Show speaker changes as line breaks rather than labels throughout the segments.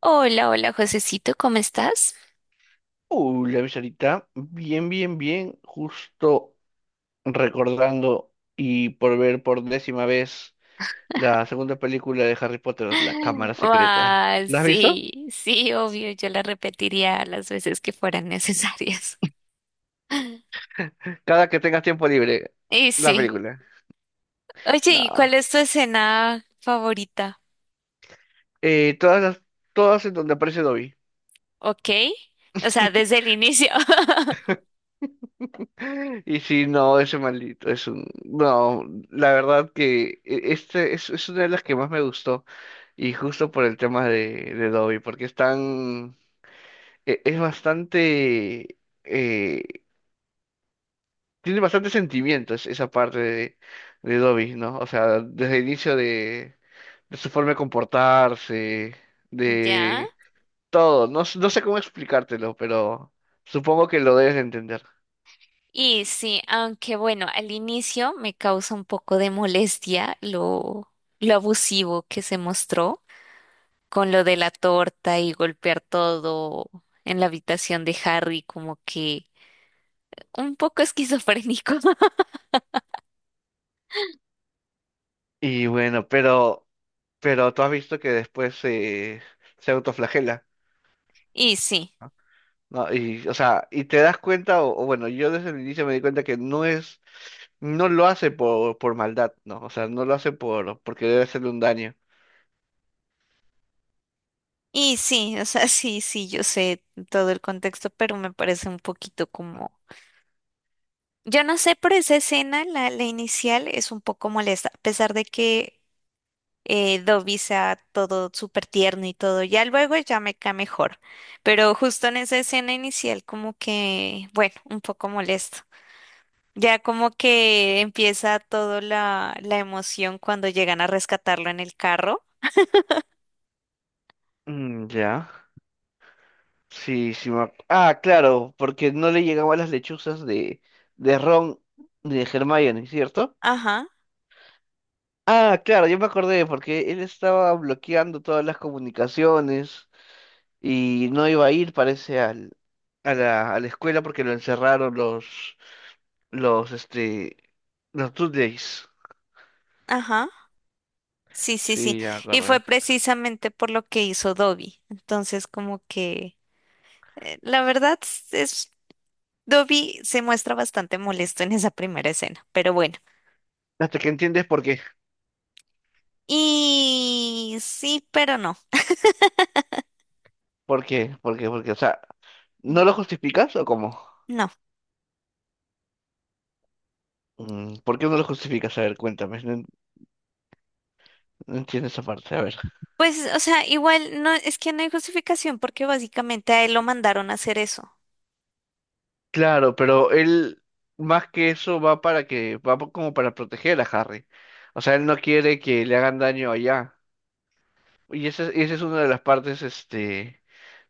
Hola, hola, Josecito, ¿cómo estás?
Uy, la visita, bien, bien, bien, justo recordando y por ver por décima vez la segunda película de Harry Potter, La Cámara Secreta.
Ah,
¿La has visto?
sí, sí, obvio, yo la repetiría las veces que fueran necesarias.
Cada que tengas tiempo libre,
Y
la
sí.
película.
Oye, ¿y
No,
cuál es tu escena favorita?
todas todas en donde aparece Dobby.
¿Ok? O sea, desde el inicio.
Y si no, ese maldito es un... No, la verdad que es una de las que más me gustó y justo por el tema de Dobby, porque están es bastante, eh, tiene bastante sentimientos esa parte de Dobby, ¿no? O sea, desde el inicio de su forma de comportarse,
Ya.
de todo. No, no sé cómo explicártelo, pero supongo que lo debes de entender.
Y sí, aunque bueno, al inicio me causa un poco de molestia lo abusivo que se mostró. Con lo de la torta y golpear todo en la habitación de Harry, como que un poco esquizofrénico.
Y bueno, pero tú has visto que después se autoflagela.
Y sí,
No, y, o sea, y te das cuenta, o bueno, yo desde el inicio me di cuenta que no es, no lo hace por maldad, ¿no? O sea, no lo hace por, porque debe hacerle un daño.
y sí, o sea, sí, sí, yo sé todo el contexto, pero me parece un poquito como... Yo no sé, pero esa escena, la inicial, es un poco molesta, a pesar de que Dobby sea todo súper tierno y todo, ya luego ya me cae mejor, pero justo en esa escena inicial como que, bueno, un poco molesto. Ya como que empieza toda la emoción cuando llegan a rescatarlo en el carro.
Mm, ya, sí, sí. Ah, claro, porque no le llegaban las lechuzas de Ron ni de Hermione, ¿cierto?
Ajá,
Ah, claro, yo me acordé, porque él estaba bloqueando todas las comunicaciones y no iba a ir, parece, a la escuela porque lo encerraron Los, este, los Two Days.
ajá. Sí, sí, sí.
Sí, ya me
Y fue
acordé.
precisamente por lo que hizo Dobby. Entonces, como que la verdad es Dobby se muestra bastante molesto en esa primera escena, pero bueno.
Hasta que entiendes por qué,
Y sí, pero no.
por qué. O sea,
Mm,
¿no lo justificas o cómo?
no.
Mm, ¿por qué no lo justificas? A ver, cuéntame. No, no entiendo esa parte. A ver.
Pues, o sea, igual no, es que no hay justificación porque básicamente a él lo mandaron a hacer eso.
Claro, pero él, más que eso, como para proteger a Harry. O sea, él no quiere que le hagan daño allá. Esa es una de las partes, este.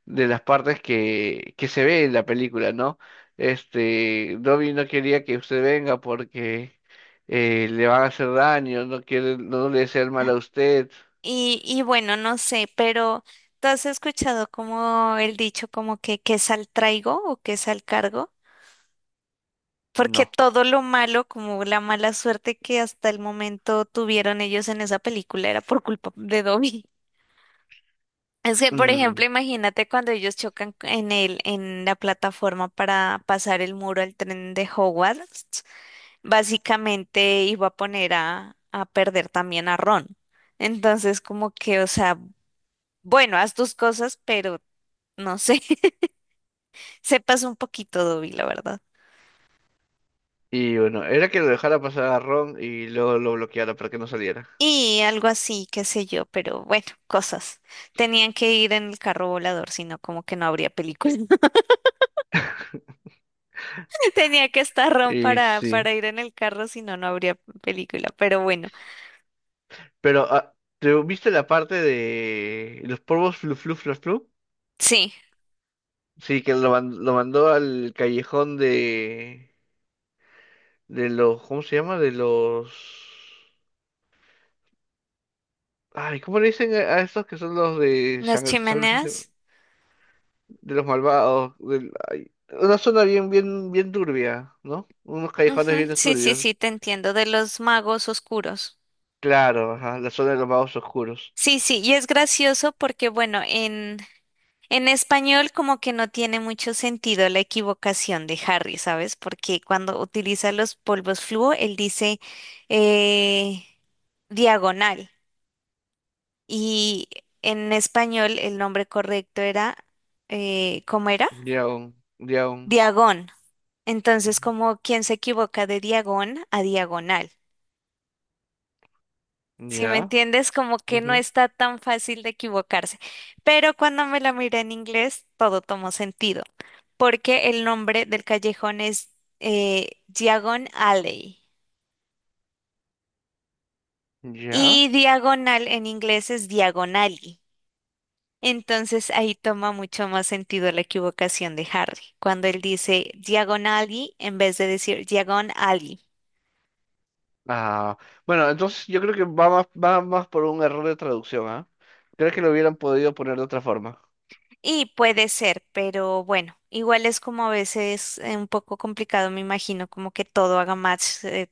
De las partes que se ve en la película, ¿no? Este, Dobby no quería que usted venga porque le van a hacer daño, no quiere, no le desea el mal a usted.
Y bueno, no sé, pero ¿tú has escuchado como el dicho como que qué sal traigo o qué sal cargo? Porque
No.
todo lo malo, como la mala suerte que hasta el momento tuvieron ellos en esa película era por culpa de Dobby. Es que, por
Mm.
ejemplo, imagínate cuando ellos chocan en la plataforma para pasar el muro al tren de Hogwarts, básicamente iba a poner a perder también a Ron. Entonces, como que, o sea, bueno, haz tus cosas, pero no sé, se pasó un poquito Dobby, la verdad.
Y bueno, era que lo dejara pasar a Ron y luego lo bloqueara para que no saliera.
Y algo así, qué sé yo, pero bueno, cosas. Tenían que ir en el carro volador, si no, como que no habría película. Tenía que estar Ron
Y
para,
sí.
para ir en el carro, si no, no habría película. Pero bueno,
Pero, ah, ¿te viste la parte de los polvos flu flu flu flu?
sí,
Sí, que lo mandó al callejón de los, ¿cómo se llama? De los... Ay, ¿cómo le dicen a estos que son los de
las
sangre, sangre sucia,
chimeneas.
de los malvados? Ay, una zona bien, bien, bien turbia, ¿no? Unos callejones
Ujú,
bien
sí, sí, sí,
turbios.
te entiendo, de los magos oscuros.
Claro, ajá, la zona de los magos oscuros.
Sí, sí, y es gracioso porque, bueno, en español como que no tiene mucho sentido la equivocación de Harry, ¿sabes? Porque cuando utiliza los polvos fluo, él dice eh, diagonal. Y en español el nombre correcto era, ¿cómo era?
Ya, un- ya, un-
Diagón. Entonces, como quien se equivoca de diagón a diagonal. Si me
ya,
entiendes, como que no
ujú,
está tan fácil de equivocarse. Pero cuando me la miré en inglés, todo tomó sentido, porque el nombre del callejón es Diagon Alley
ya.
y diagonal en inglés es diagonally. Entonces ahí toma mucho más sentido la equivocación de Harry, cuando él dice diagonally en vez de decir diagon alley.
Ah, bueno, entonces yo creo que va más por un error de traducción, ¿ah? Creo que lo hubieran podido poner de otra forma.
Y puede ser, pero bueno, igual es como a veces un poco complicado, me imagino, como que todo haga match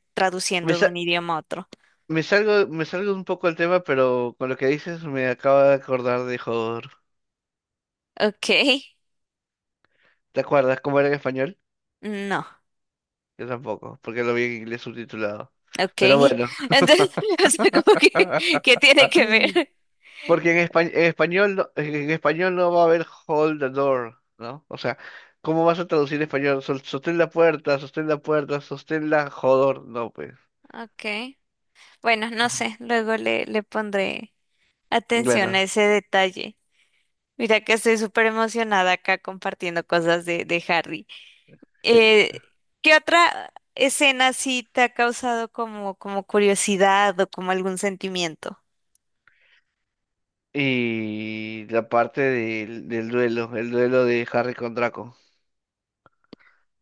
Me,
traduciendo de
sa-
un idioma a otro.
me salgo un poco del tema, pero con lo que dices me acabo de acordar de Hodor.
Ok,
¿Te acuerdas cómo era en español?
no,
Yo tampoco, porque lo vi en inglés subtitulado.
ok.
Pero bueno,
Entonces, o sea, como que, ¿qué tiene que ver?
porque en español, en español no va a haber hold the door, ¿no? O sea, ¿cómo vas a traducir en español? Sostén la puerta, sostén la puerta, sostén la jodor. No, pues.
Ok, bueno, no sé, luego le pondré atención a
Bueno.
ese detalle. Mira que estoy súper emocionada acá compartiendo cosas de Harry. Eh, ¿qué otra escena sí te ha causado como, curiosidad o como algún sentimiento?
Y la parte del, del duelo, el duelo de Harry con Draco.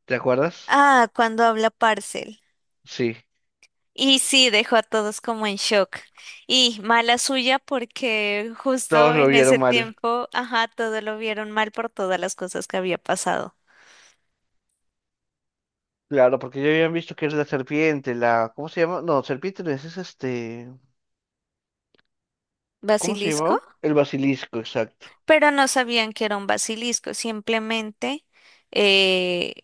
¿Te acuerdas?
Ah, cuando habla Parcel.
Sí,
Y sí, dejó a todos como en shock. Y mala suya porque
todos
justo
lo
en ese
vieron mal.
tiempo, ajá, todo lo vieron mal por todas las cosas que había pasado.
Claro, porque ya habían visto que era la serpiente, la... ¿Cómo se llama? No, serpiente no es, es este... ¿Cómo se
¿Basilisco?
llamaba? El basilisco, exacto.
Pero no sabían que era un basilisco, simplemente eh,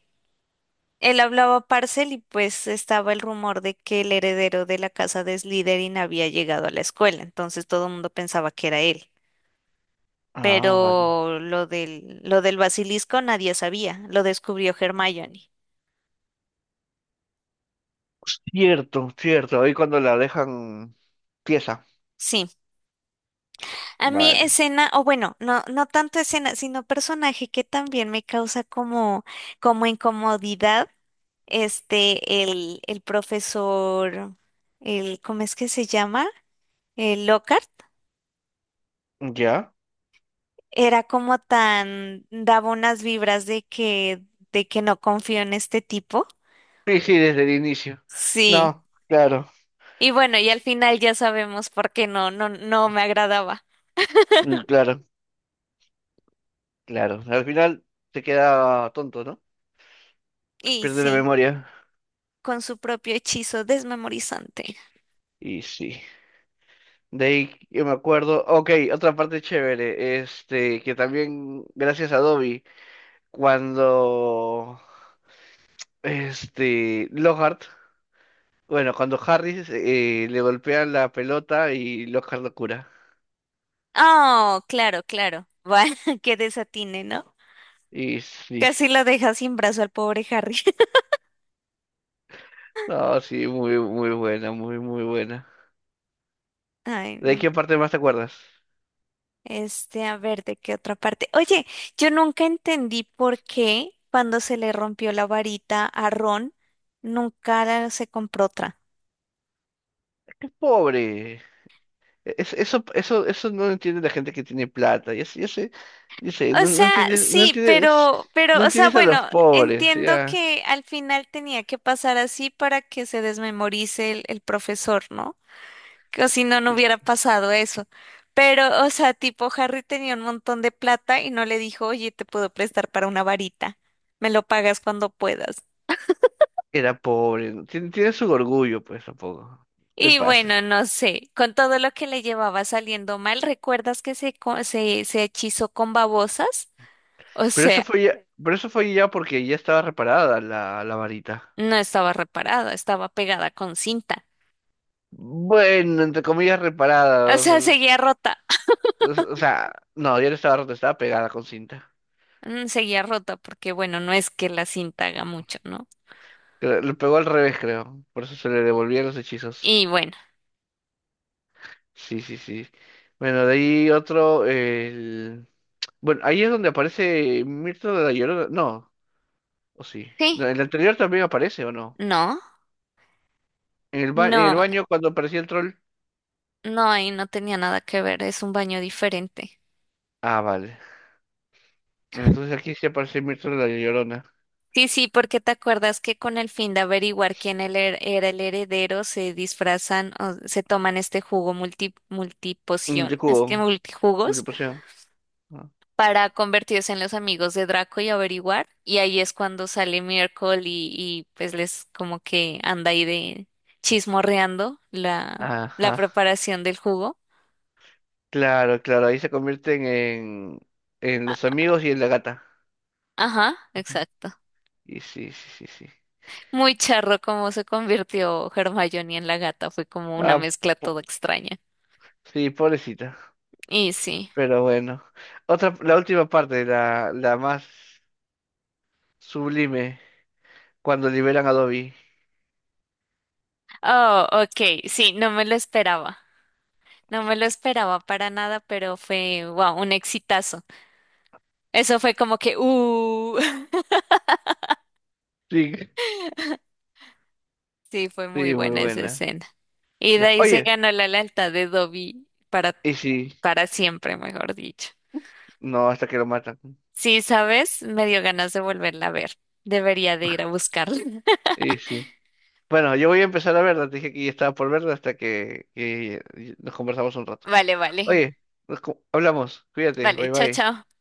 él hablaba Parcel y pues estaba el rumor de que el heredero de la casa de Slytherin había llegado a la escuela, entonces todo el mundo pensaba que era él.
Ah, vale.
Pero lo del basilisco nadie sabía, lo descubrió Hermione.
Cierto, cierto. Ahí cuando la dejan pieza.
Sí, a mí
Vale.
escena, o bueno, no, no tanto escena, sino personaje que también me causa como incomodidad, este, el profesor, el, ¿cómo es que se llama? El Lockhart.
¿Ya?
Era como tan, daba unas vibras de que no confío en este tipo.
Sí, sí, desde el inicio.
Sí.
No, claro,
Y bueno, y al final ya sabemos por qué no me agradaba.
mm, claro, claro. Al final se queda tonto, ¿no?
Y
Pierde la
sí,
memoria.
con su propio hechizo desmemorizante.
Y sí. De ahí yo me acuerdo. Ok, otra parte chévere. Este, que también, gracias a Dobby, cuando este Lockhart, bueno, cuando Harry le golpean la pelota y Lockhart lo cura.
Oh, claro, claro. Va, que desatine, ¿no?
Y sí.
Casi lo deja sin brazo al pobre Harry.
No, sí, muy, muy buena, muy, muy buena.
Ay,
¿De
no.
qué parte más te acuerdas?
Este, a ver, ¿de qué otra parte? Oye, yo nunca entendí por qué cuando se le rompió la varita a Ron, nunca se compró otra.
Pobre. Eso no lo entiende la gente que tiene plata. Ya sé, ya sé, ya sé,
O
no, no
sea,
entiendes, no
sí,
entiendes,
pero,
no
pero, o sea,
entiendes a los
bueno,
pobres,
entiendo
ya.
que al final tenía que pasar así para que se desmemorice el profesor, ¿no? Que si no, no
Y
hubiera pasado eso. Pero, o sea, tipo, Harry tenía un montón de plata y no le dijo, oye, te puedo prestar para una varita. Me lo pagas cuando puedas.
era pobre, ¿no? Tiene, tiene su orgullo, pues tampoco. Te
Y
pases.
bueno, no sé, con todo lo que le llevaba saliendo mal, ¿recuerdas que se hechizó con babosas? O
Pero eso
sea,
fue ya, pero eso fue ya porque ya estaba reparada la varita.
no estaba reparada, estaba pegada con cinta.
Bueno, entre comillas
O
reparada. O
sea,
sea,
seguía rota,
o sea, no, ya no estaba rota, estaba pegada con cinta.
Mm, seguía rota porque bueno, no es que la cinta haga mucho, ¿no?
Le pegó al revés, creo. Por eso se le devolvían los
Y
hechizos.
bueno,
Sí, sí, sí. Bueno, de ahí otro. El... Bueno, ahí es donde aparece Mirto de la Llorona. No, o sí.
sí,
No, en el anterior también aparece, ¿o no?
no,
En el
no,
baño cuando aparecía el troll.
no, ahí no tenía nada que ver, es un baño diferente.
Ah, vale. Entonces aquí sí aparece Mirto de la Llorona.
Sí, sí, porque te acuerdas que con el fin de averiguar quién era el heredero se disfrazan o se toman este jugo
Un
multipoción, es que
Multicubo,
multijugos,
multipoción.
para convertirse en los amigos de Draco y averiguar. Y ahí es cuando sale Miracle y pues les como que anda ahí de chismorreando la
Ajá.
preparación del jugo.
Claro, claro, ahí se convierten en los amigos y en la gata.
Ajá, exacto.
Y sí, sí, sí, sí.
Muy charro como se convirtió Hermione en la gata, fue como una
Ah,
mezcla
po-
toda extraña.
sí, pobrecita.
Y sí.
Pero bueno. Otra, la última parte, la más sublime, cuando liberan a Dobby.
Oh, ok, sí, no me lo esperaba. No me lo esperaba para nada, pero fue, wow, un exitazo. Eso fue como que,
Sí,
sí, fue muy
sí, muy
buena esa
buena.
escena. Y de
Ya.
ahí se
Oye,
ganó la lealtad de Dobby para,
y sí,
para siempre, mejor dicho.
no, hasta que lo matan.
Sí, ¿sabes? Me dio ganas de volverla a ver. Debería de ir a buscarla.
Y sí. Bueno, yo voy a empezar a verla, te dije que ya estaba por verla hasta que nos conversamos un rato.
Vale, vale.
Oye, hablamos, cuídate,
Vale,
bye
chao,
bye.
chao.